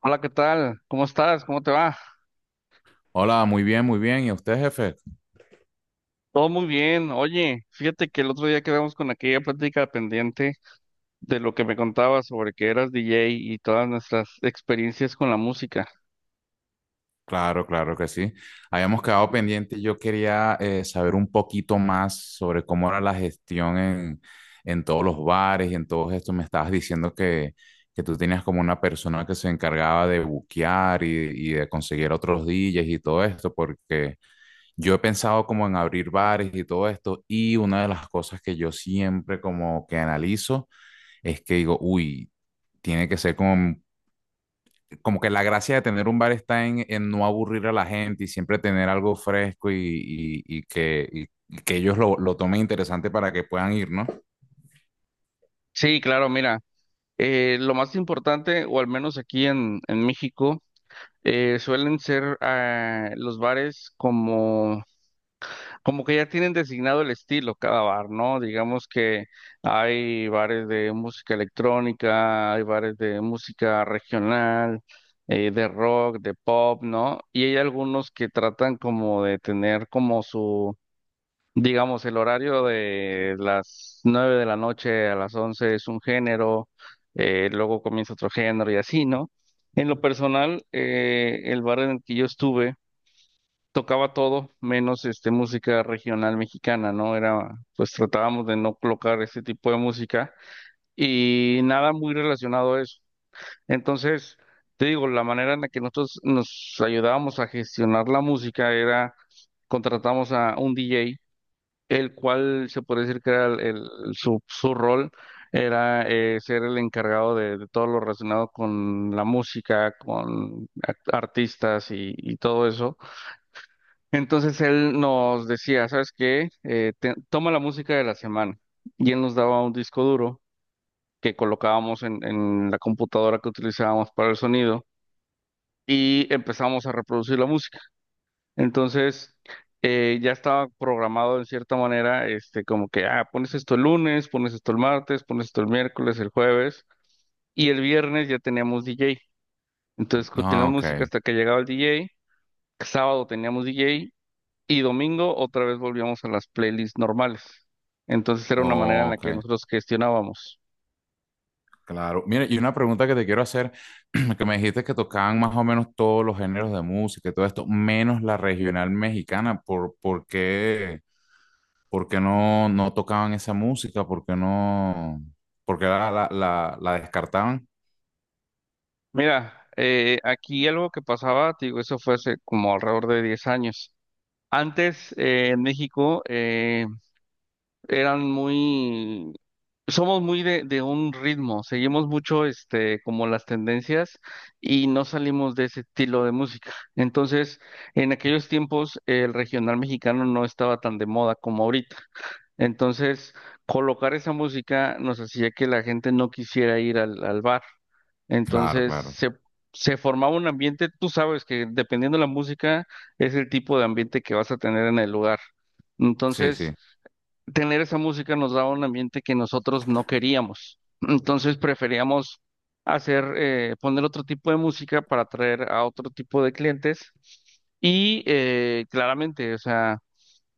Hola, ¿qué tal? ¿Cómo estás? ¿Cómo te va? Hola, muy bien, muy bien. ¿Y usted, jefe? Todo muy bien. Oye, fíjate que el otro día quedamos con aquella plática pendiente de lo que me contabas sobre que eras DJ y todas nuestras experiencias con la música. Claro, claro que sí. Habíamos quedado pendiente. Yo quería saber un poquito más sobre cómo era la gestión en todos los bares y en todo esto. Me estabas diciendo que tú tenías como una persona que se encargaba de buquear y de conseguir otros DJs y todo esto, porque yo he pensado como en abrir bares y todo esto. Y una de las cosas que yo siempre como que analizo es que digo, uy, tiene que ser como que la gracia de tener un bar está en no aburrir a la gente y siempre tener algo fresco y que ellos lo tomen interesante para que puedan ir, ¿no? Sí, claro, mira, lo más importante, o al menos aquí en México, suelen ser los bares como como que ya tienen designado el estilo cada bar, ¿no? Digamos que hay bares de música electrónica, hay bares de música regional, de rock, de pop, ¿no? Y hay algunos que tratan como de tener como su, digamos, el horario de las 9 de la noche a las 11 es un género, luego comienza otro género y así, ¿no? En lo personal, el bar en el que yo estuve tocaba todo, menos este música regional mexicana, ¿no? Era, pues tratábamos de no colocar ese tipo de música y nada muy relacionado a eso. Entonces, te digo, la manera en la que nosotros nos ayudábamos a gestionar la música era contratamos a un DJ, el cual se puede decir que era su, su rol era ser el encargado de todo lo relacionado con la música, con artistas y todo eso. Entonces él nos decía, ¿sabes qué? Toma la música de la semana. Y él nos daba un disco duro que colocábamos en la computadora que utilizábamos para el sonido y empezábamos a reproducir la música. Entonces ya estaba programado en cierta manera, este, como que, ah, pones esto el lunes, pones esto el martes, pones esto el miércoles, el jueves y el viernes ya teníamos DJ. Entonces Ah, continuamos música ok. hasta que llegaba el DJ. Sábado teníamos DJ. Y domingo otra vez volvíamos a las playlists normales. Entonces era una manera Oh, en la que ok, nosotros gestionábamos. claro. Mira, y una pregunta que te quiero hacer, que me dijiste que tocaban más o menos todos los géneros de música y todo esto, menos la regional mexicana, ¿ por qué no tocaban esa música? ¿Por qué no, por qué la descartaban? Mira, aquí algo que pasaba, te digo, eso fue hace como alrededor de 10 años. Antes en México eran muy, somos muy de un ritmo, seguimos mucho este, como las tendencias y no salimos de ese estilo de música. Entonces, en aquellos tiempos el regional mexicano no estaba tan de moda como ahorita. Entonces, colocar esa música nos hacía que la gente no quisiera ir al, al bar. Claro, Entonces, claro. se formaba un ambiente, tú sabes que dependiendo de la música es el tipo de ambiente que vas a tener en el lugar. Sí, Entonces, sí. tener esa música nos daba un ambiente que nosotros no queríamos. Entonces, preferíamos hacer, poner otro tipo de música para atraer a otro tipo de clientes. Y claramente, o sea...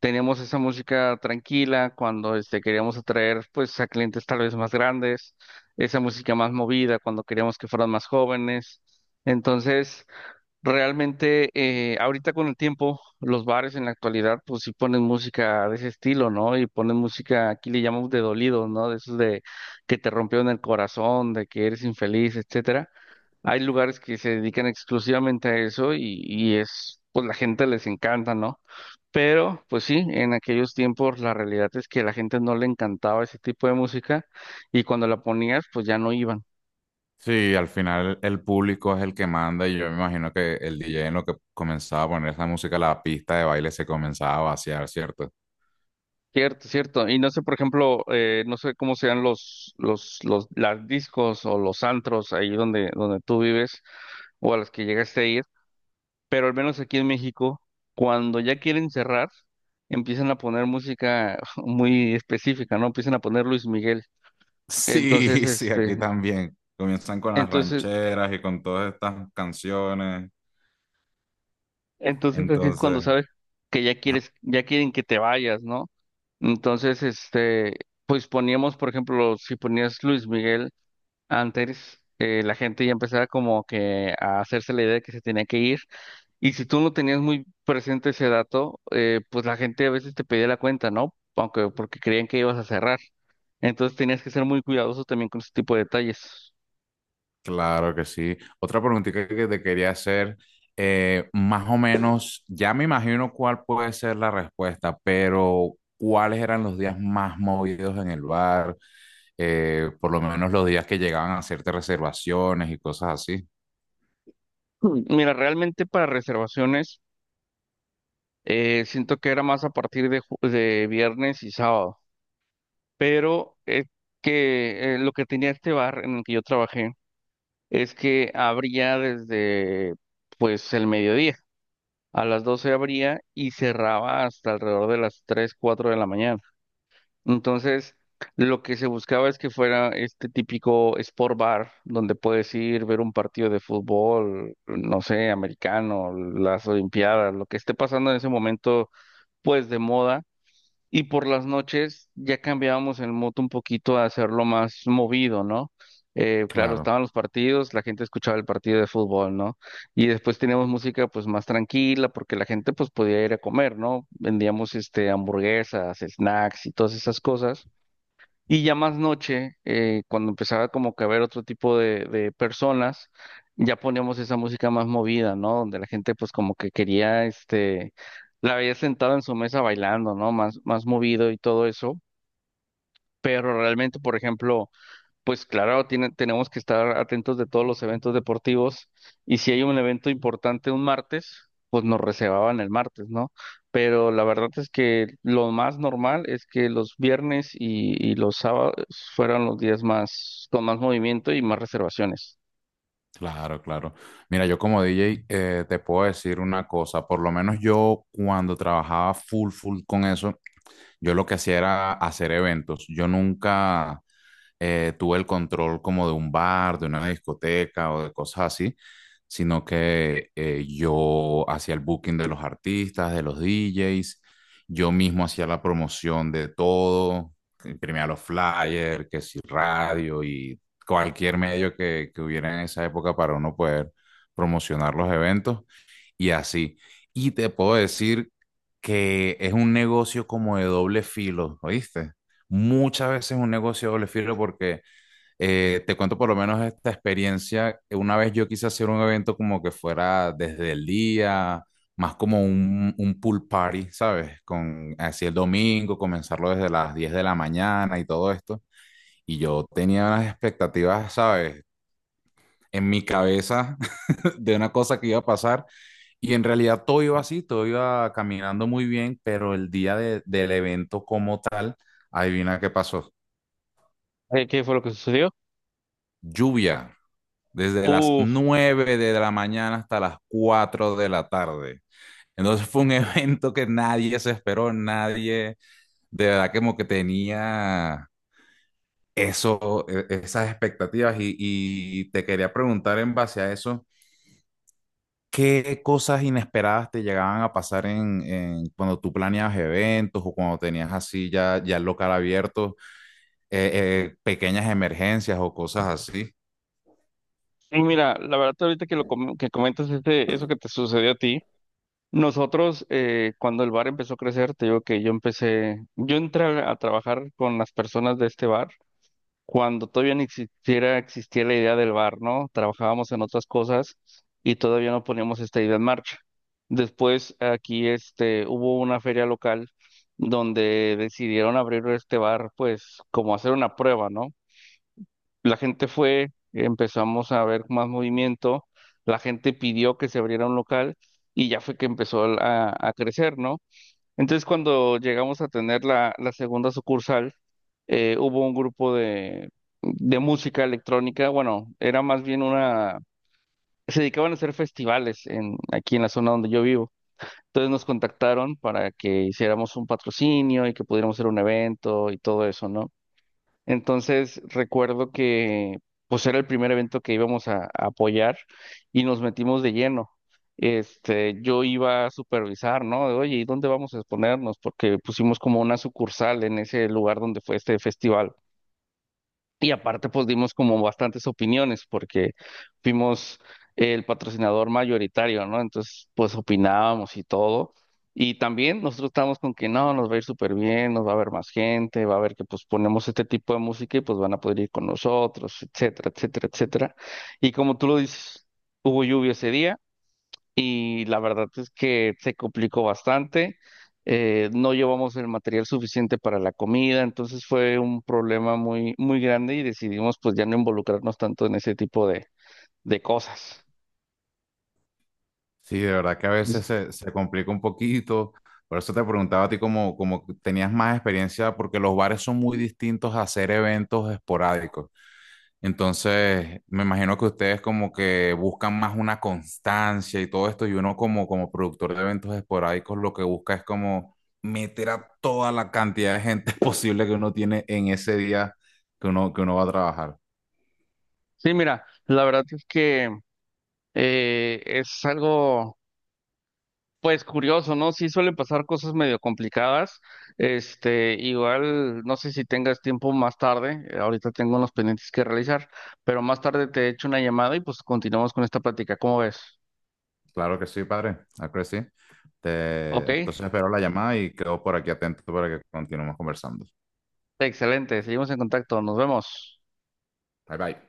Teníamos esa música tranquila cuando este, queríamos atraer pues a clientes tal vez más grandes, esa música más movida cuando queríamos que fueran más jóvenes. Entonces, realmente ahorita con el tiempo, los bares en la actualidad pues sí ponen música de ese estilo, ¿no? Y ponen música, aquí le llamamos de dolido, ¿no? De esos de que te rompió en el corazón, de que eres infeliz, etcétera. Hay lugares que se dedican exclusivamente a eso y es, pues la gente les encanta, ¿no? Pero, pues sí, en aquellos tiempos la realidad es que la gente no le encantaba ese tipo de música y cuando la ponías, pues ya no iban. Sí, al final el público es el que manda y yo me imagino que el DJ en lo que comenzaba a poner esa música, la pista de baile se comenzaba a vaciar, ¿cierto? Cierto, cierto. Y no sé, por ejemplo, no sé cómo sean las discos o los antros ahí donde, donde tú vives o a los que llegaste a ir. Pero al menos aquí en México, cuando ya quieren cerrar, empiezan a poner música muy específica, ¿no? Empiezan a poner Luis Miguel. Entonces, Sí, sí, este, aquí también. Comienzan con las entonces, rancheras y con todas estas canciones. entonces así es cuando Entonces, sabes que ya ajá. quieres, ya quieren que te vayas, ¿no? Entonces, este, pues poníamos, por ejemplo, si ponías Luis Miguel. Antes la gente ya empezaba como que a hacerse la idea de que se tenía que ir y si tú no tenías muy presente ese dato, pues la gente a veces te pedía la cuenta, ¿no? Aunque porque creían que ibas a cerrar. Entonces tenías que ser muy cuidadoso también con ese tipo de detalles. Claro que sí. Otra preguntita que te quería hacer, más o menos, ya me imagino cuál puede ser la respuesta, pero ¿cuáles eran los días más movidos en el bar? Por lo menos los días que llegaban a hacerte reservaciones y cosas así. Mm. Mira, realmente para reservaciones siento que era más a partir de, de viernes y sábado, pero es que lo que tenía este bar en el que yo trabajé es que abría desde pues el mediodía. A las 12 abría y cerraba hasta alrededor de las 3 4 de la mañana. Entonces, lo que se buscaba es que fuera este típico sport bar donde puedes ir, ver un partido de fútbol, no sé, americano, las olimpiadas, lo que esté pasando en ese momento, pues de moda y por las noches ya cambiábamos el mood un poquito a hacerlo más movido, ¿no? Claro, Claro, estaban los partidos, la gente escuchaba el partido de fútbol, ¿no? Y después teníamos música pues más tranquila porque la gente pues podía ir a comer, ¿no? Vendíamos este hamburguesas, snacks y todas esas cosas. Y ya más noche, cuando empezaba como que a ver otro tipo de personas, ya poníamos esa música más movida, ¿no? Donde la gente pues como que quería, este, la veía sentada en su mesa bailando, ¿no? Más, más movido y todo eso. Pero realmente, por ejemplo, pues claro, tenemos que estar atentos de todos los eventos deportivos y si hay un evento importante un martes, pues nos reservaban el martes, ¿no? Pero la verdad es que lo más normal es que los viernes y los sábados fueran los días más con más movimiento y más reservaciones. claro, claro. Mira, yo como DJ te puedo decir una cosa, por lo menos yo cuando trabajaba full, full con eso, yo lo que hacía era hacer eventos. Yo nunca... tuve el control como de un bar, de una discoteca o de cosas así, sino que yo hacía el booking de los artistas, de los DJs, yo mismo hacía la promoción de todo, imprimía los flyers, que si radio y cualquier medio que hubiera en esa época para uno poder promocionar los eventos y así. Y te puedo decir que es un negocio como de doble filo, ¿oíste? Muchas veces es un negocio de doble filo porque te cuento por lo menos esta experiencia. Una vez yo quise hacer un evento como que fuera desde el día, más como un pool party, ¿sabes? Con así el domingo, comenzarlo desde las 10 de la mañana y todo esto. Y yo tenía unas expectativas, ¿sabes? En mi cabeza de una cosa que iba a pasar. Y en realidad todo iba así, todo iba caminando muy bien, pero el día de- del evento como tal, adivina qué pasó. ¿Qué fue lo que sucedió? Lluvia, desde las Uf, 9 de la mañana hasta las 4 de la tarde. Entonces fue un evento que nadie se esperó, nadie de verdad como que tenía eso, e- esas expectativas. Y te quería preguntar en base a eso. ¿Qué cosas inesperadas te llegaban a pasar en cuando tú planeabas eventos o cuando tenías así ya, ya el local abierto, eh, pequeñas emergencias o cosas así? y mira, la verdad ahorita que lo que comentas este, eso que te sucedió a ti. Nosotros, cuando el bar empezó a crecer, te digo que yo empecé, yo entré a trabajar con las personas de este bar cuando todavía ni existiera, existía la idea del bar, ¿no? Trabajábamos en otras cosas y todavía no poníamos esta idea en marcha. Después aquí este, hubo una feria local donde decidieron abrir este bar, pues como hacer una prueba, ¿no? La gente fue, empezamos a ver más movimiento, la gente pidió que se abriera un local y ya fue que empezó a crecer, ¿no? Entonces cuando llegamos a tener la, la segunda sucursal, hubo un grupo de música electrónica, bueno, era más bien una, se dedicaban a hacer festivales en, aquí en la zona donde yo vivo. Entonces nos contactaron para que hiciéramos un patrocinio y que pudiéramos hacer un evento y todo eso, ¿no? Entonces recuerdo que pues era el primer evento que íbamos a apoyar y nos metimos de lleno. Este, yo iba a supervisar, ¿no? De, oye, ¿y dónde vamos a exponernos? Porque pusimos como una sucursal en ese lugar donde fue este festival. Y aparte, pues dimos como bastantes opiniones porque fuimos el patrocinador mayoritario, ¿no? Entonces, pues opinábamos y todo. Y también nosotros estábamos con que no, nos va a ir súper bien, nos va a ver más gente, va a ver que pues ponemos este tipo de música y pues van a poder ir con nosotros, etcétera, etcétera, etcétera. Y como tú lo dices, hubo lluvia ese día y la verdad es que se complicó bastante. No llevamos el material suficiente para la comida, entonces fue un problema muy, muy grande y decidimos pues ya no involucrarnos tanto en ese tipo de cosas. Sí, de verdad que a Sí, veces se complica un poquito. Por eso te preguntaba a ti como, como tenías más experiencia, porque los bares son muy distintos a hacer eventos esporádicos. Entonces, me imagino que ustedes como que buscan más una constancia y todo esto, y uno como, como productor de eventos esporádicos lo que busca es como meter a toda la cantidad de gente posible que uno tiene en ese día que uno va a trabajar. mira, la verdad es que es algo pues curioso, ¿no? Sí suelen pasar cosas medio complicadas. Este, igual, no sé si tengas tiempo más tarde. Ahorita tengo unos pendientes que realizar, pero más tarde te echo una llamada y pues continuamos con esta plática. ¿Cómo ves? Claro que sí, padre, claro que sí. Ok, Te- entonces espero la llamada y quedo por aquí atento para que continuemos conversando. excelente. Seguimos en contacto. Nos vemos. Bye bye.